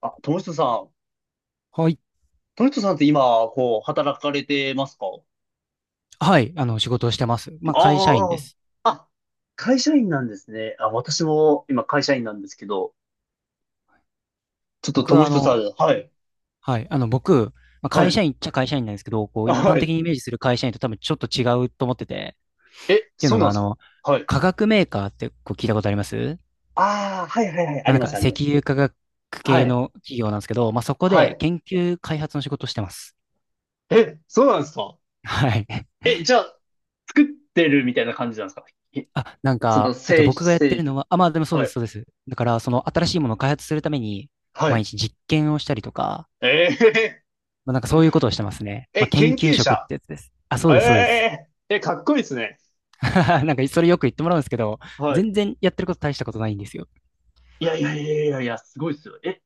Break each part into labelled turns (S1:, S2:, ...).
S1: あ、友人さん。
S2: はい。
S1: 友人さんって今、こう、働かれてますか？
S2: はい。仕事をしてます。会社員
S1: あ
S2: で
S1: あー。
S2: す。
S1: あ、会社員なんですね。あ、私も今会社員なんですけど、ちょっ
S2: 僕
S1: と
S2: は、
S1: 友
S2: あ
S1: 人さ
S2: の、
S1: ん、はい、
S2: はい。あの、僕、まあ、
S1: は
S2: 会
S1: い、
S2: 社員っちゃ会社員なんですけど、こう、
S1: あ
S2: 一般
S1: は
S2: 的
S1: い。
S2: にイメージする会社員と多分ちょっと違うと思ってて、
S1: え、
S2: っていう
S1: そ
S2: の
S1: うなん
S2: が、あ
S1: です
S2: の、
S1: か？はい。
S2: 化学メーカーってこう聞いたことあります？
S1: ああ、はいはいはい、ありますあり
S2: 石
S1: ます。
S2: 油化学
S1: は
S2: 系
S1: い、
S2: の企業なんですけど、まあ、そこ
S1: は
S2: で
S1: い。
S2: 研究開発の仕事をしてます。
S1: え、そうなんですか？
S2: はい。
S1: え、じゃあ、作ってるみたいな感じなんですか？えその製品、
S2: 僕がやって
S1: 製
S2: る
S1: 品。
S2: のは、でもそう
S1: は
S2: です、
S1: い、
S2: そうです。だから、その、新しいものを開発するために、こう
S1: は
S2: 毎
S1: い。
S2: 日実験をしたりとか、
S1: え
S2: そういうことをしてますね。
S1: ー、
S2: ま
S1: え、
S2: あ、研
S1: 研
S2: 究
S1: 究
S2: 職っ
S1: 者。
S2: てやつです。あ、そ
S1: え
S2: うです、そうです。
S1: ええ、かっこいいですね。
S2: なんかそれよく言ってもらうんですけど、
S1: はい、
S2: 全然やってること大したことないんですよ。
S1: いやいやいやいやいや、すごいですよ。え、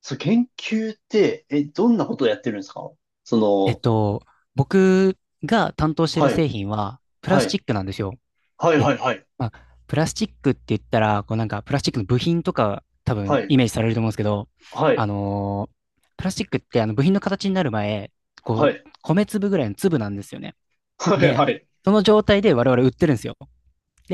S1: そう、研究って、え、どんなことをやってるんですか？そ
S2: えっ
S1: の、
S2: と、僕が担当してる
S1: はい、
S2: 製品はプラ
S1: は
S2: スチ
S1: い、
S2: ックなんですよ。
S1: はい、
S2: で、
S1: はい、はい、
S2: まあ、プラスチックって言ったら、こうなんかプラスチックの部品とか多
S1: は
S2: 分
S1: い、
S2: イメージされると思うんですけど、
S1: は
S2: あ
S1: い、
S2: のープラスチックってあの部品の形になる前、こ
S1: は
S2: う、
S1: い、
S2: 米粒ぐらいの粒なんですよね。
S1: はい、
S2: で、
S1: はい。
S2: その状態で我々売ってるんですよ。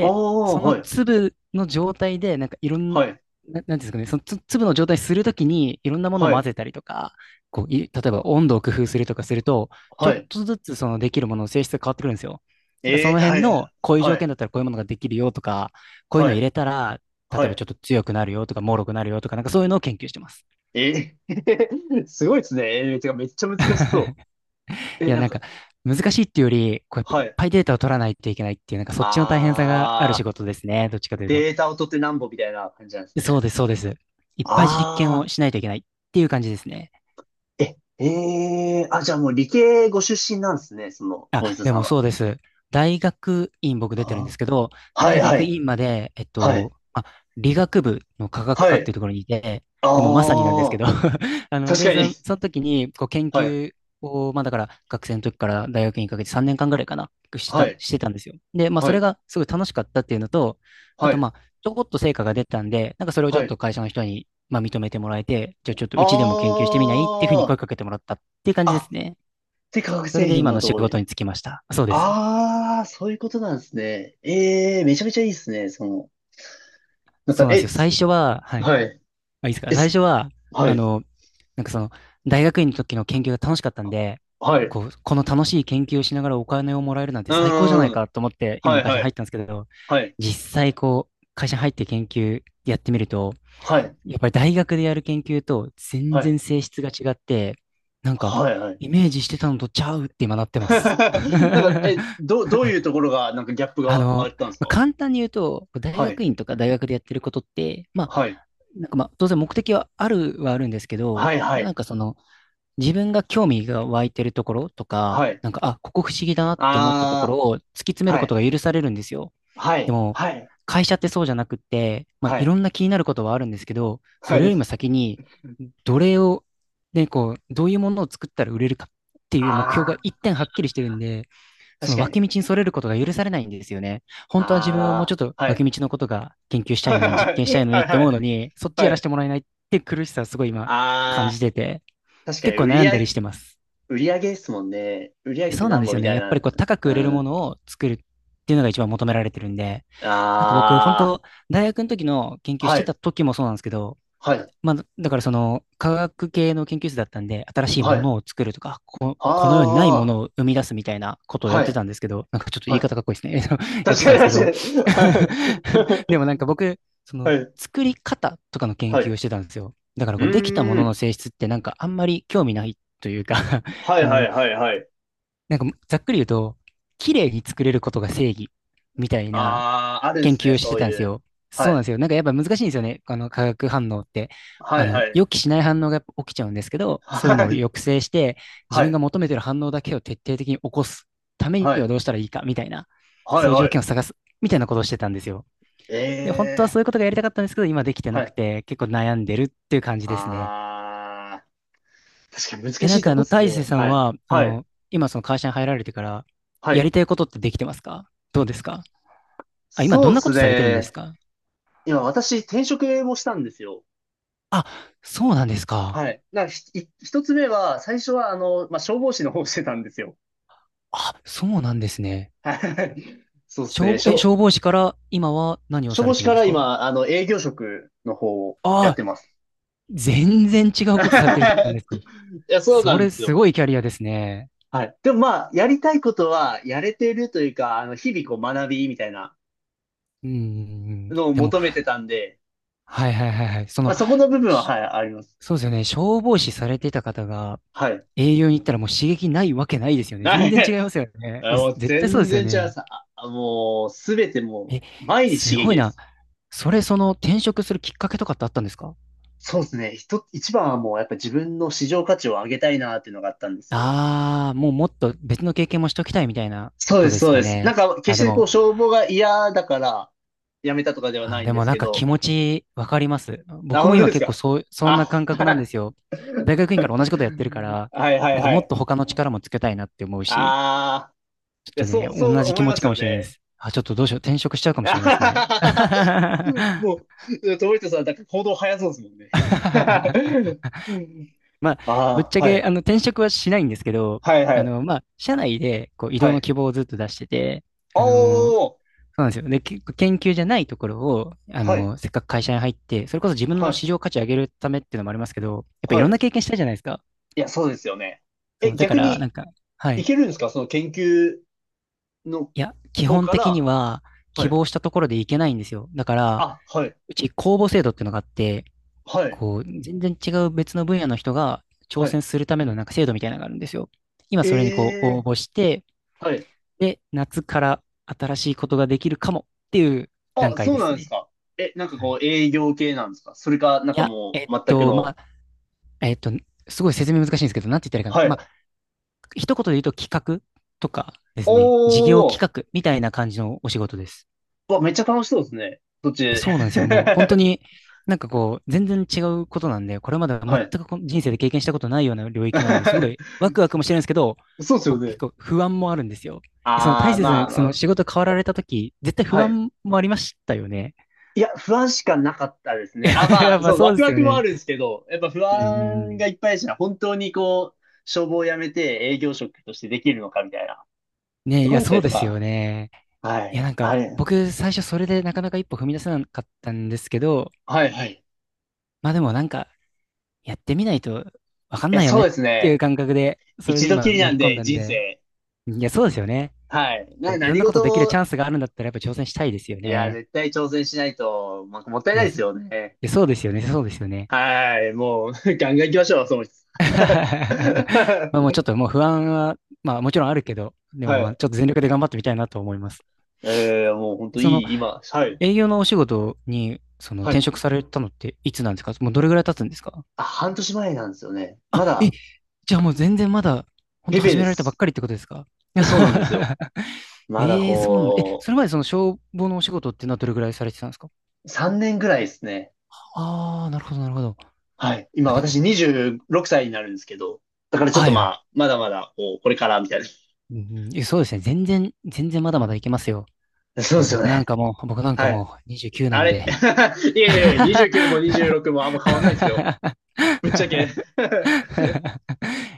S1: ああ、
S2: その
S1: はい、
S2: 粒の状態で、いろん
S1: はい、
S2: な、なんていうんですかね、その粒の状態にするときに、いろんなものを
S1: は
S2: 混
S1: い、
S2: ぜたりとか、こう、例えば温度を工夫するとかすると、ちょ
S1: は
S2: っ
S1: い。
S2: とずつそのできるものの性質が変わってくるんですよ。なんかそ
S1: え
S2: の
S1: ー、は
S2: 辺の、
S1: い、
S2: こういう
S1: は
S2: 条件
S1: い、
S2: だったらこういうものができるよとか、こういう
S1: は
S2: のを入
S1: い、
S2: れたら、例
S1: は
S2: えば
S1: い。
S2: ちょっと強くなるよとか、脆くなるよとか、なんかそういうのを研究してます。
S1: えー、すごいですね。えー、てか、めっちゃ難しそう。え、
S2: いや、
S1: なんか、
S2: 難しいっていうより、こうやっぱい
S1: は
S2: っ
S1: い。
S2: ぱいデータを取らないといけないっていう、なんかそっちの大変さがある仕
S1: ああ、
S2: 事ですね。どっちかというと。
S1: データを取ってなんぼみたいな感じなんです
S2: そ
S1: ね。
S2: うです、そうです。いっぱい実
S1: あ
S2: 験を
S1: あ。
S2: しないといけないっていう感じですね。
S1: え、ええあ、じゃあもう理系ご出身なんですね、その、
S2: あ、
S1: ノイズ
S2: で
S1: さん
S2: も
S1: は。
S2: そうです。大学院僕出てるんで
S1: あ
S2: すけど、
S1: はい、
S2: 大
S1: は
S2: 学
S1: い、
S2: 院まで、
S1: はい、
S2: 理学部の科学
S1: は
S2: 科ってい
S1: い。
S2: うところにいて、でもまさになんです
S1: あ
S2: け
S1: あ、
S2: ど あの、
S1: 確
S2: で、
S1: かに。
S2: その、その時に、こう、研
S1: はい、
S2: 究を、まあだから、学生の時から大学院にかけて3年間ぐらいかな、
S1: はい、
S2: してたんですよ。で、まあそ
S1: は
S2: れ
S1: い、
S2: がすごい楽しかったっていうのと、あ
S1: は
S2: と
S1: い、
S2: ちょこっと成果が出たんで、なんかそれをちょ
S1: は
S2: っ
S1: い。
S2: と会社の人に、まあ認めてもらえて、じゃあちょっとうちでも研究してみないっていうふうに
S1: あ
S2: 声かけてもらったっていう感
S1: あ、
S2: じです
S1: あ、
S2: ね。
S1: で、化学
S2: それ
S1: 製
S2: で
S1: 品
S2: 今
S1: の
S2: の仕
S1: 同
S2: 事
S1: 意。
S2: に就きました。そうです。
S1: ああ、そういうことなんですね。ええめちゃめちゃいいですね、その、なんか、
S2: そうなんです
S1: え、
S2: よ。
S1: つ
S2: 最初は、はい。
S1: はい、
S2: あ、いいですか。
S1: え、
S2: 最
S1: す
S2: 初は、
S1: は
S2: あ
S1: い、
S2: の、なんかその、大学院の時の研究が楽しかったんで、
S1: はい、う
S2: こう、この楽しい研究をしながらお金をもらえるなんて
S1: ー
S2: 最高じゃない
S1: ん、
S2: かと思って、今
S1: は
S2: の
S1: い、
S2: 会社に
S1: は
S2: 入っ
S1: い、
S2: たんですけど、
S1: はい、
S2: 実際こう、会社に入って研究やってみると、
S1: はい、
S2: やっぱり大学でやる研究と全
S1: はい、
S2: 然性質が違って、なんか、
S1: はい、はい、
S2: イメージしてたのとちゃうって今なってます。
S1: なんか、え、ど、どういうところが、なんかギャップ
S2: あ
S1: があ
S2: の、
S1: ったんですか？
S2: 簡単に言うと、大
S1: は
S2: 学
S1: い。
S2: 院とか大学でやってることって、
S1: はい。
S2: 当然目的はあるはあるんですけど、
S1: はい、は
S2: まあ、な
S1: い。
S2: んかその、自分が興味が湧いてるところとか、
S1: はい。
S2: なんか、あ、ここ不思議だなって思ったとこ
S1: あ
S2: ろを突き詰
S1: あ、
S2: める
S1: は
S2: こと
S1: い。
S2: が許されるんですよ。
S1: は
S2: で
S1: い。
S2: も、
S1: はい。
S2: 会社ってそうじゃなくって、まあ、
S1: は
S2: いろ
S1: い。
S2: んな気になることはあるんですけど、
S1: は
S2: それよ
S1: い。
S2: りも先に、どれを、ね、こう、どういうものを作ったら売れるかっていう目標
S1: あ
S2: が一
S1: あ、
S2: 点はっきりしてるんで、そ
S1: 確
S2: の
S1: かに。
S2: 脇道にそれることが許されないんですよね。本当は自分はもうちょっ
S1: あ
S2: と
S1: あ、は
S2: 脇
S1: い。
S2: 道のことが研究したいのに、実
S1: は
S2: 験した
S1: い。
S2: いのに
S1: は
S2: っ
S1: い。
S2: て
S1: は
S2: 思うの
S1: い。
S2: に、そっち
S1: は
S2: やらせ
S1: い。
S2: てもらえないって苦しさをすごい今感
S1: あ
S2: じ
S1: あ、
S2: てて、
S1: 確か
S2: 結
S1: に、
S2: 構
S1: 売
S2: 悩
S1: り
S2: んだ
S1: 上
S2: り
S1: げ、
S2: してます。
S1: 売り上げですもんね。売り上げで
S2: そうなん
S1: 何
S2: です
S1: 本
S2: よ
S1: み
S2: ね。
S1: たい
S2: やっぱ
S1: な。
S2: りこう高く売れる
S1: う
S2: も
S1: ん。
S2: のを作るっていうのが一番求められてるんで、
S1: あ
S2: なんか僕、本当大学の時の研究
S1: あ、
S2: し
S1: は
S2: てた
S1: い。
S2: 時もそうなんですけど、
S1: はい。
S2: まあ、だからその科学系の研究室だったんで、新しい
S1: は
S2: も
S1: い。
S2: のを作るとか、この世にないも
S1: ああ、
S2: のを生み出すみたいなことをやっ
S1: は
S2: てた
S1: い。
S2: んですけど、なんかちょっと言い
S1: はい。
S2: 方かっこいいですね。やっ
S1: 確
S2: てた
S1: か
S2: ん
S1: に、
S2: ですけど、
S1: 確かに。はい
S2: でもなんか僕、そ
S1: は
S2: の
S1: い。
S2: 作り方とかの研
S1: はい。
S2: 究を
S1: う
S2: してたんですよ。だからこうできたも
S1: ー
S2: のの
S1: ん。
S2: 性質ってなんかあんまり興味ないというか
S1: はい
S2: あ
S1: は
S2: の、
S1: いはいはい。
S2: なんかざっくり言うと、綺麗に作れることが正義みたいな
S1: ああ、あるんで
S2: 研
S1: す
S2: 究
S1: ね、
S2: をして
S1: そう
S2: たん
S1: い
S2: です
S1: う。
S2: よ。そ
S1: は
S2: うなん
S1: い。
S2: ですよ。なんかやっぱ難しいんですよね。あの化学反応って。
S1: は
S2: あ
S1: い
S2: の、
S1: はい。
S2: 予期しない反応がやっぱ起きちゃうんですけど、そういうの
S1: は
S2: を
S1: い。
S2: 抑制して、自
S1: は
S2: 分が
S1: い。
S2: 求めてる反応だけを徹底的に起こすため
S1: は
S2: には
S1: い。
S2: どうしたらいいか、みたいな、
S1: は
S2: そ
S1: い
S2: ういう
S1: は
S2: 条
S1: い。
S2: 件を探す、みたいなことをしてたんですよ。で、本当は
S1: え
S2: そういうこ
S1: え
S2: とがやりたかったんですけど、今できて
S1: は
S2: なく
S1: い。
S2: て、結構悩んでるっていう感じですね。
S1: ああ、確かに難
S2: え、
S1: し
S2: なん
S1: い
S2: か
S1: と
S2: あ
S1: こっ
S2: の、
S1: す
S2: 大勢
S1: ね。
S2: さん
S1: はい。
S2: は、あ
S1: はい。
S2: の、今その会社に入られてから、
S1: は
S2: や
S1: い。
S2: りたいことってできてますか？どうですか？あ、今ど
S1: そ
S2: ん
S1: うっ
S2: なこ
S1: す
S2: とされてるんです
S1: ね。
S2: か？
S1: 今私転職もしたんですよ。
S2: あ、そうなんですか。
S1: はい。な、ひ、一つ目は、最初はまあ、消防士の方をしてたんですよ。
S2: あ、そうなんですね。
S1: はい。そうっすね。
S2: え、
S1: 消、
S2: 消防士から今は何を
S1: 消
S2: さ
S1: 防
S2: れて
S1: 士
S2: るん
S1: か
S2: です
S1: ら
S2: か？
S1: 今、あの、営業職の方を
S2: あ
S1: やっ
S2: あ、
S1: てます。
S2: 全然違うことされてるじゃないです か。
S1: いや、そう
S2: そ
S1: なん
S2: れ
S1: です
S2: す
S1: よ。
S2: ごいキャリアですね。
S1: はい。でもまあ、やりたいことはやれてるというか、あの、日々こう学びみたいな
S2: うん。
S1: のを
S2: でも、
S1: 求めてたんで、
S2: はい。そ
S1: ま
S2: の、
S1: あそこの部分は、
S2: し
S1: はい、あります。
S2: そうですよね。消防士されていた方が
S1: はい。
S2: 営業に行ったらもう刺激ないわけないですよね。
S1: は
S2: 全
S1: い。
S2: 然違いま すよね。
S1: あ
S2: え、
S1: もう
S2: 絶対そうで
S1: 全
S2: すよ
S1: 然違いま
S2: ね。
S1: す。ああもう、すべても
S2: え、
S1: う、毎日
S2: す
S1: 刺
S2: ご
S1: 激
S2: い
S1: で
S2: な。
S1: す。
S2: それ、その転職するきっかけとかってあったんですか？
S1: そうですね。一つ、一番はもうやっぱ自分の市場価値を上げたいなっていうのがあったんですよ。
S2: ああ、もうもっと別の経験もしときたいみたいなこ
S1: そう
S2: と
S1: です、
S2: です
S1: そう
S2: か
S1: です。なん
S2: ね。
S1: か、決
S2: あ、
S1: し
S2: で
S1: てこ
S2: も、
S1: う、消防が嫌だから、やめたとかではな
S2: あ、
S1: いん
S2: で
S1: で
S2: も
S1: す
S2: なん
S1: け
S2: か気
S1: ど、
S2: 持ちわかります。
S1: あ、
S2: 僕も
S1: 本当
S2: 今
S1: です
S2: 結構
S1: か？
S2: そう、そんな
S1: あ、
S2: 感覚なんで すよ。大学院から同じことやってるか ら、
S1: はいはい
S2: なんか
S1: は
S2: もっ
S1: い。
S2: と他の力もつけたいなって思うし、
S1: ああ、い
S2: ち
S1: や、
S2: ょっと
S1: そ
S2: ね、
S1: う、そ
S2: 同
S1: う
S2: じ気
S1: 思い
S2: 持
S1: ま
S2: ち
S1: す
S2: かも
S1: よ
S2: しれないで
S1: ね。
S2: す。あ、ちょっとどうしよう。転職しちゃうか もし
S1: あは
S2: れないです
S1: は
S2: ね。
S1: ははもう、トリトさん、だん行動早そうですもんね。
S2: まあ、ぶっ
S1: あ
S2: ちゃ
S1: あー、は
S2: け、
S1: い。
S2: あの、転職はしないんですけど、
S1: はいはい。
S2: 社内で、こう、移
S1: は
S2: 動の
S1: い。
S2: 希望をずっと出してて、
S1: お
S2: あのそ
S1: ー、
S2: うなんですよ。で、結構研究じゃないところを、あ
S1: はい。
S2: の、せっかく会社に入って、それこそ自分
S1: は
S2: の
S1: い。
S2: 市場価値上げるためっていうのもありますけど、やっぱい
S1: は
S2: ろんな
S1: い。
S2: 経験したいじゃないですか。
S1: いや、そうですよね。
S2: そ
S1: え、
S2: う、だか
S1: 逆
S2: ら、な
S1: に、
S2: んか、は
S1: い
S2: い。
S1: けるんですかその研究の
S2: いや、基
S1: 方
S2: 本
S1: か
S2: 的に
S1: ら。
S2: は、
S1: は
S2: 希
S1: い。
S2: 望したところでいけないんですよ。だから、
S1: あ、はい。
S2: うち公募制度っていうのがあって、
S1: はい。
S2: こう、全然違う別の分野の人が挑
S1: はい。
S2: 戦するためのなんか制度みたいなのがあるんですよ。今
S1: え
S2: それにこう応
S1: え
S2: 募して、
S1: ーはい。
S2: で、夏から新しいことができるかもっていう段
S1: あ、
S2: 階
S1: そう
S2: で
S1: な
S2: す
S1: んです
S2: ね。
S1: か。え、なんか
S2: はい。い
S1: こう営業系なんですか？それか、なんか
S2: や、
S1: もう全く
S2: ま
S1: の。
S2: あ、えっと、すごい説明難しいんですけど、なんて言ったらいいかな。
S1: は
S2: ま
S1: い。
S2: あ、一言で言うと企画とかです
S1: お
S2: ね、事業
S1: ー、
S2: 企画みたいな感じのお仕事です。
S1: うわ、めっちゃ楽しそうですね。そっ
S2: え
S1: ち。
S2: そうなんですよ。もう本当 になんかこう、全然違うことなんで、これまで全
S1: はい。
S2: くこの人生で経験したことないような領域なんで、すごいワクワクもしてるんですけど、
S1: そうですよ
S2: 僕結
S1: ね。
S2: 構不安もあるんですよ。えその大
S1: あー、
S2: 切
S1: まあ、
S2: な、
S1: ま
S2: その
S1: あ、
S2: 仕事変わられたとき、絶対不
S1: はい。
S2: 安もありましたよね。
S1: いや、不安しかなかったですね。あ、ま
S2: や
S1: あ、
S2: っぱ
S1: そう、
S2: そ
S1: ワ
S2: うで
S1: ク
S2: す
S1: ワ
S2: よ
S1: クもあ
S2: ね。
S1: るんですけど、やっぱ不
S2: うんうんう
S1: 安
S2: ん。
S1: がいっぱいでした。本当にこう、消防を辞めて営業職としてできるのかみたいな
S2: ね、
S1: と
S2: い
S1: こ
S2: や、
S1: ろだった
S2: そ
S1: り
S2: う
S1: と
S2: ですよ
S1: か。
S2: ね。
S1: は
S2: いや、
S1: い。
S2: なんか、
S1: あれ。
S2: 僕、最初それでなかなか一歩踏み出せなかったんですけど、
S1: はい、はい。い
S2: まあでもなんか、やってみないとわかん
S1: や、
S2: ないよ
S1: そ
S2: ね
S1: う
S2: っ
S1: です
S2: ていう
S1: ね。
S2: 感覚で、それ
S1: 一
S2: で
S1: 度き
S2: 今
S1: り
S2: 乗
S1: なん
S2: り込ん
S1: で、
S2: だん
S1: 人
S2: で、
S1: 生。
S2: いや、そうですよね。
S1: はい。
S2: こ
S1: な、
S2: ういろん
S1: 何
S2: なこと
S1: 事
S2: できる
S1: も、
S2: チャンスがあるんだったらやっぱ挑戦したいですよ
S1: いや、
S2: ね。
S1: 絶対挑戦しないと、まあ、もったい
S2: い
S1: ない
S2: や、
S1: で
S2: ず
S1: す
S2: い
S1: よね。
S2: やそうですよね、そうですよね。
S1: はい。もう、ガンガン行きましょう、その人。
S2: まあもうちょっともう不安は、まあもちろんあるけど、でも
S1: は
S2: まあ
S1: い。
S2: ちょっと全力で頑張ってみたいなと思います。
S1: えー、もう本当い
S2: その
S1: い、今。はい。
S2: 営業のお仕事に、その
S1: は
S2: 転
S1: い。
S2: 職されたのっていつなんですか？もうどれぐらい経つんですか？
S1: あ、半年前なんですよね。
S2: あ、
S1: まだ、
S2: じゃあもう全然まだ、本
S1: ペ
S2: 当
S1: ペ
S2: 始
S1: で
S2: められたばっ
S1: す。
S2: かりってことですか？
S1: そうなんですよ。まだ
S2: ええーそうなんだ
S1: こ
S2: それまでその消防のお仕事っていうのはどれぐらいされてたんですか？
S1: う、3年ぐらいですね。
S2: ああー、なるほど、なるほど。
S1: はい。今、
S2: あ、でも、
S1: 私26歳になるんですけど。だからちょっ
S2: は
S1: と
S2: い
S1: ま
S2: はい。
S1: あ、まだまだ、こう、これからみたいな。
S2: うんうんそうですね。全然、全然まだまだいけますよ。
S1: そうで
S2: もう
S1: すよ
S2: 僕なん
S1: ね。
S2: かもう、僕なんか
S1: はい。
S2: もう29な
S1: あ
S2: ん
S1: れ
S2: で。
S1: いえいやいや、29も 26もあんま変わんないですよ。ぶっちゃけ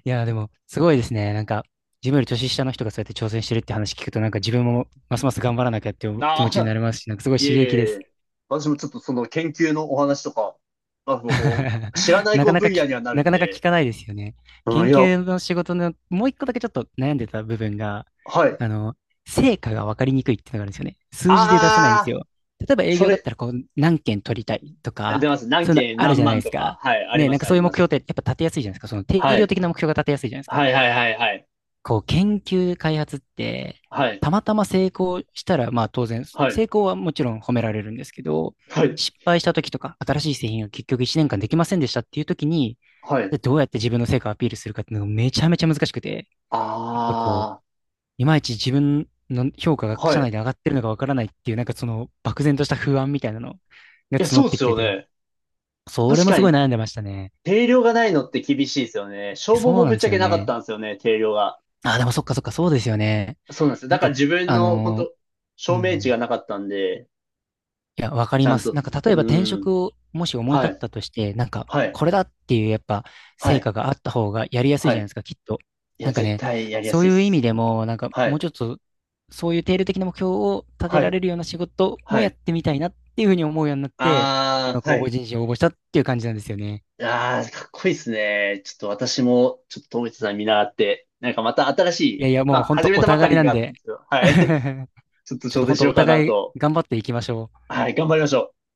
S2: いや、でも、すごいですね。なんか、自分より年下の人がそうやって挑戦してるって話聞くと、なんか自分もますます頑張らなきゃっていう気持
S1: あ
S2: ちにな
S1: あ、
S2: りますし、なんかすごい
S1: い
S2: 刺
S1: えい
S2: 激です。
S1: え私もちょっとその研究のお話とか、まあ、こう、知ら ない
S2: な
S1: こ
S2: か
S1: う
S2: なか
S1: 分
S2: き、
S1: 野にはなる
S2: なか
S1: ん
S2: なか聞
S1: で、
S2: かないですよね。
S1: うん、
S2: 研
S1: いや、
S2: 究の仕事の、もう一個だけちょっと悩んでた部分が、
S1: はい。
S2: あの、成果が分かりにくいっていうのがあるんですよね。数字で出せないんです
S1: あ
S2: よ。例えば
S1: あ、
S2: 営
S1: そ
S2: 業だっ
S1: れ、
S2: たら、こう、何件取りたいと
S1: 出
S2: か、
S1: ます。何
S2: そういうの
S1: 件
S2: ある
S1: 何
S2: じゃない
S1: 万
S2: です
S1: とか、
S2: か。
S1: はい、あり
S2: ね、
S1: ま
S2: なん
S1: す、
S2: か
S1: あ
S2: そう
S1: り
S2: いう
S1: ま
S2: 目標っ
S1: す。
S2: てやっぱ立てやすいじゃないですか。その定
S1: は
S2: 量
S1: い。
S2: 的な目標が立てやすいじゃないですか。
S1: はいはいはいはい。
S2: こう研究開発って、
S1: はい。
S2: たまたま成功したら、まあ当然、
S1: は
S2: 成
S1: い。
S2: 功はもちろん褒められるんですけど、
S1: はい。
S2: 失敗した時とか、新しい製品が結局1年間できませんでしたっていう時に、
S1: はい。
S2: でどうやって自分の成果をアピールするかっていうのがめちゃめちゃ難しくて、なんかこう、
S1: あ
S2: いまいち自分の評価
S1: あ、
S2: が
S1: はい。
S2: 社内で上
S1: い
S2: がってるのかわからないっていう、なんかその漠然とした不安みたいなのが
S1: や、
S2: 募
S1: そ
S2: っ
S1: うっ
S2: て
S1: す
S2: きて
S1: よ
S2: て、
S1: ね。
S2: それ
S1: 確
S2: も
S1: か
S2: すごい
S1: に
S2: 悩んでましたね。
S1: 定量がないのって厳しいですよね。消防
S2: そう
S1: も
S2: な
S1: ぶ
S2: ん
S1: っ
S2: で
S1: ち
S2: す
S1: ゃけ
S2: よ
S1: なかっ
S2: ね。
S1: たんですよね、定量が。
S2: あ、でもそっかそっか、そうですよね。
S1: そうなんですよ。
S2: な
S1: だ
S2: ん
S1: から
S2: か、
S1: 自分
S2: あ
S1: の、本
S2: の
S1: 当
S2: う
S1: 証明値が
S2: ん、
S1: なかったんで、
S2: いや、わか
S1: ち
S2: り
S1: ゃ
S2: ま
S1: ん
S2: す。
S1: と、
S2: なんか、例え
S1: う
S2: ば転
S1: ん。
S2: 職をもし思い立
S1: は
S2: っ
S1: い、
S2: たとして、なんか、
S1: はい、
S2: これだっていうやっぱ
S1: は
S2: 成
S1: い、
S2: 果があった方がやりやすい
S1: は
S2: じゃないで
S1: い。
S2: すか、きっと。
S1: い
S2: な
S1: や、
S2: んか
S1: 絶
S2: ね、
S1: 対やりや
S2: そう
S1: すい
S2: い
S1: で
S2: う意味
S1: す。
S2: でも、なんか、
S1: は
S2: もう
S1: い、
S2: ちょっと、そういう定量的な目標を立て
S1: は
S2: ら
S1: い、
S2: れるような仕事も
S1: は
S2: やっ
S1: い。
S2: てみたいなっていうふうに思うようになって、
S1: あ
S2: 今、
S1: ー、は
S2: 公募
S1: い。
S2: 人事を応募したっていう感じなんですよね。
S1: あー、かっこいいですね。ちょっと私も、ちょっと友一さん見習って、なんかまた新し
S2: い
S1: い、
S2: やいや、
S1: ま
S2: もう
S1: あ、
S2: 本
S1: 始
S2: 当
S1: め
S2: お
S1: たばか
S2: 互い
S1: り
S2: なん
S1: が、
S2: で、
S1: はい、ちょっと
S2: ちょっ
S1: 挑
S2: と
S1: 戦
S2: 本
S1: し
S2: 当
S1: よう
S2: お
S1: かな
S2: 互い
S1: と。
S2: 頑張っていきましょう。
S1: はい、頑張りましょう。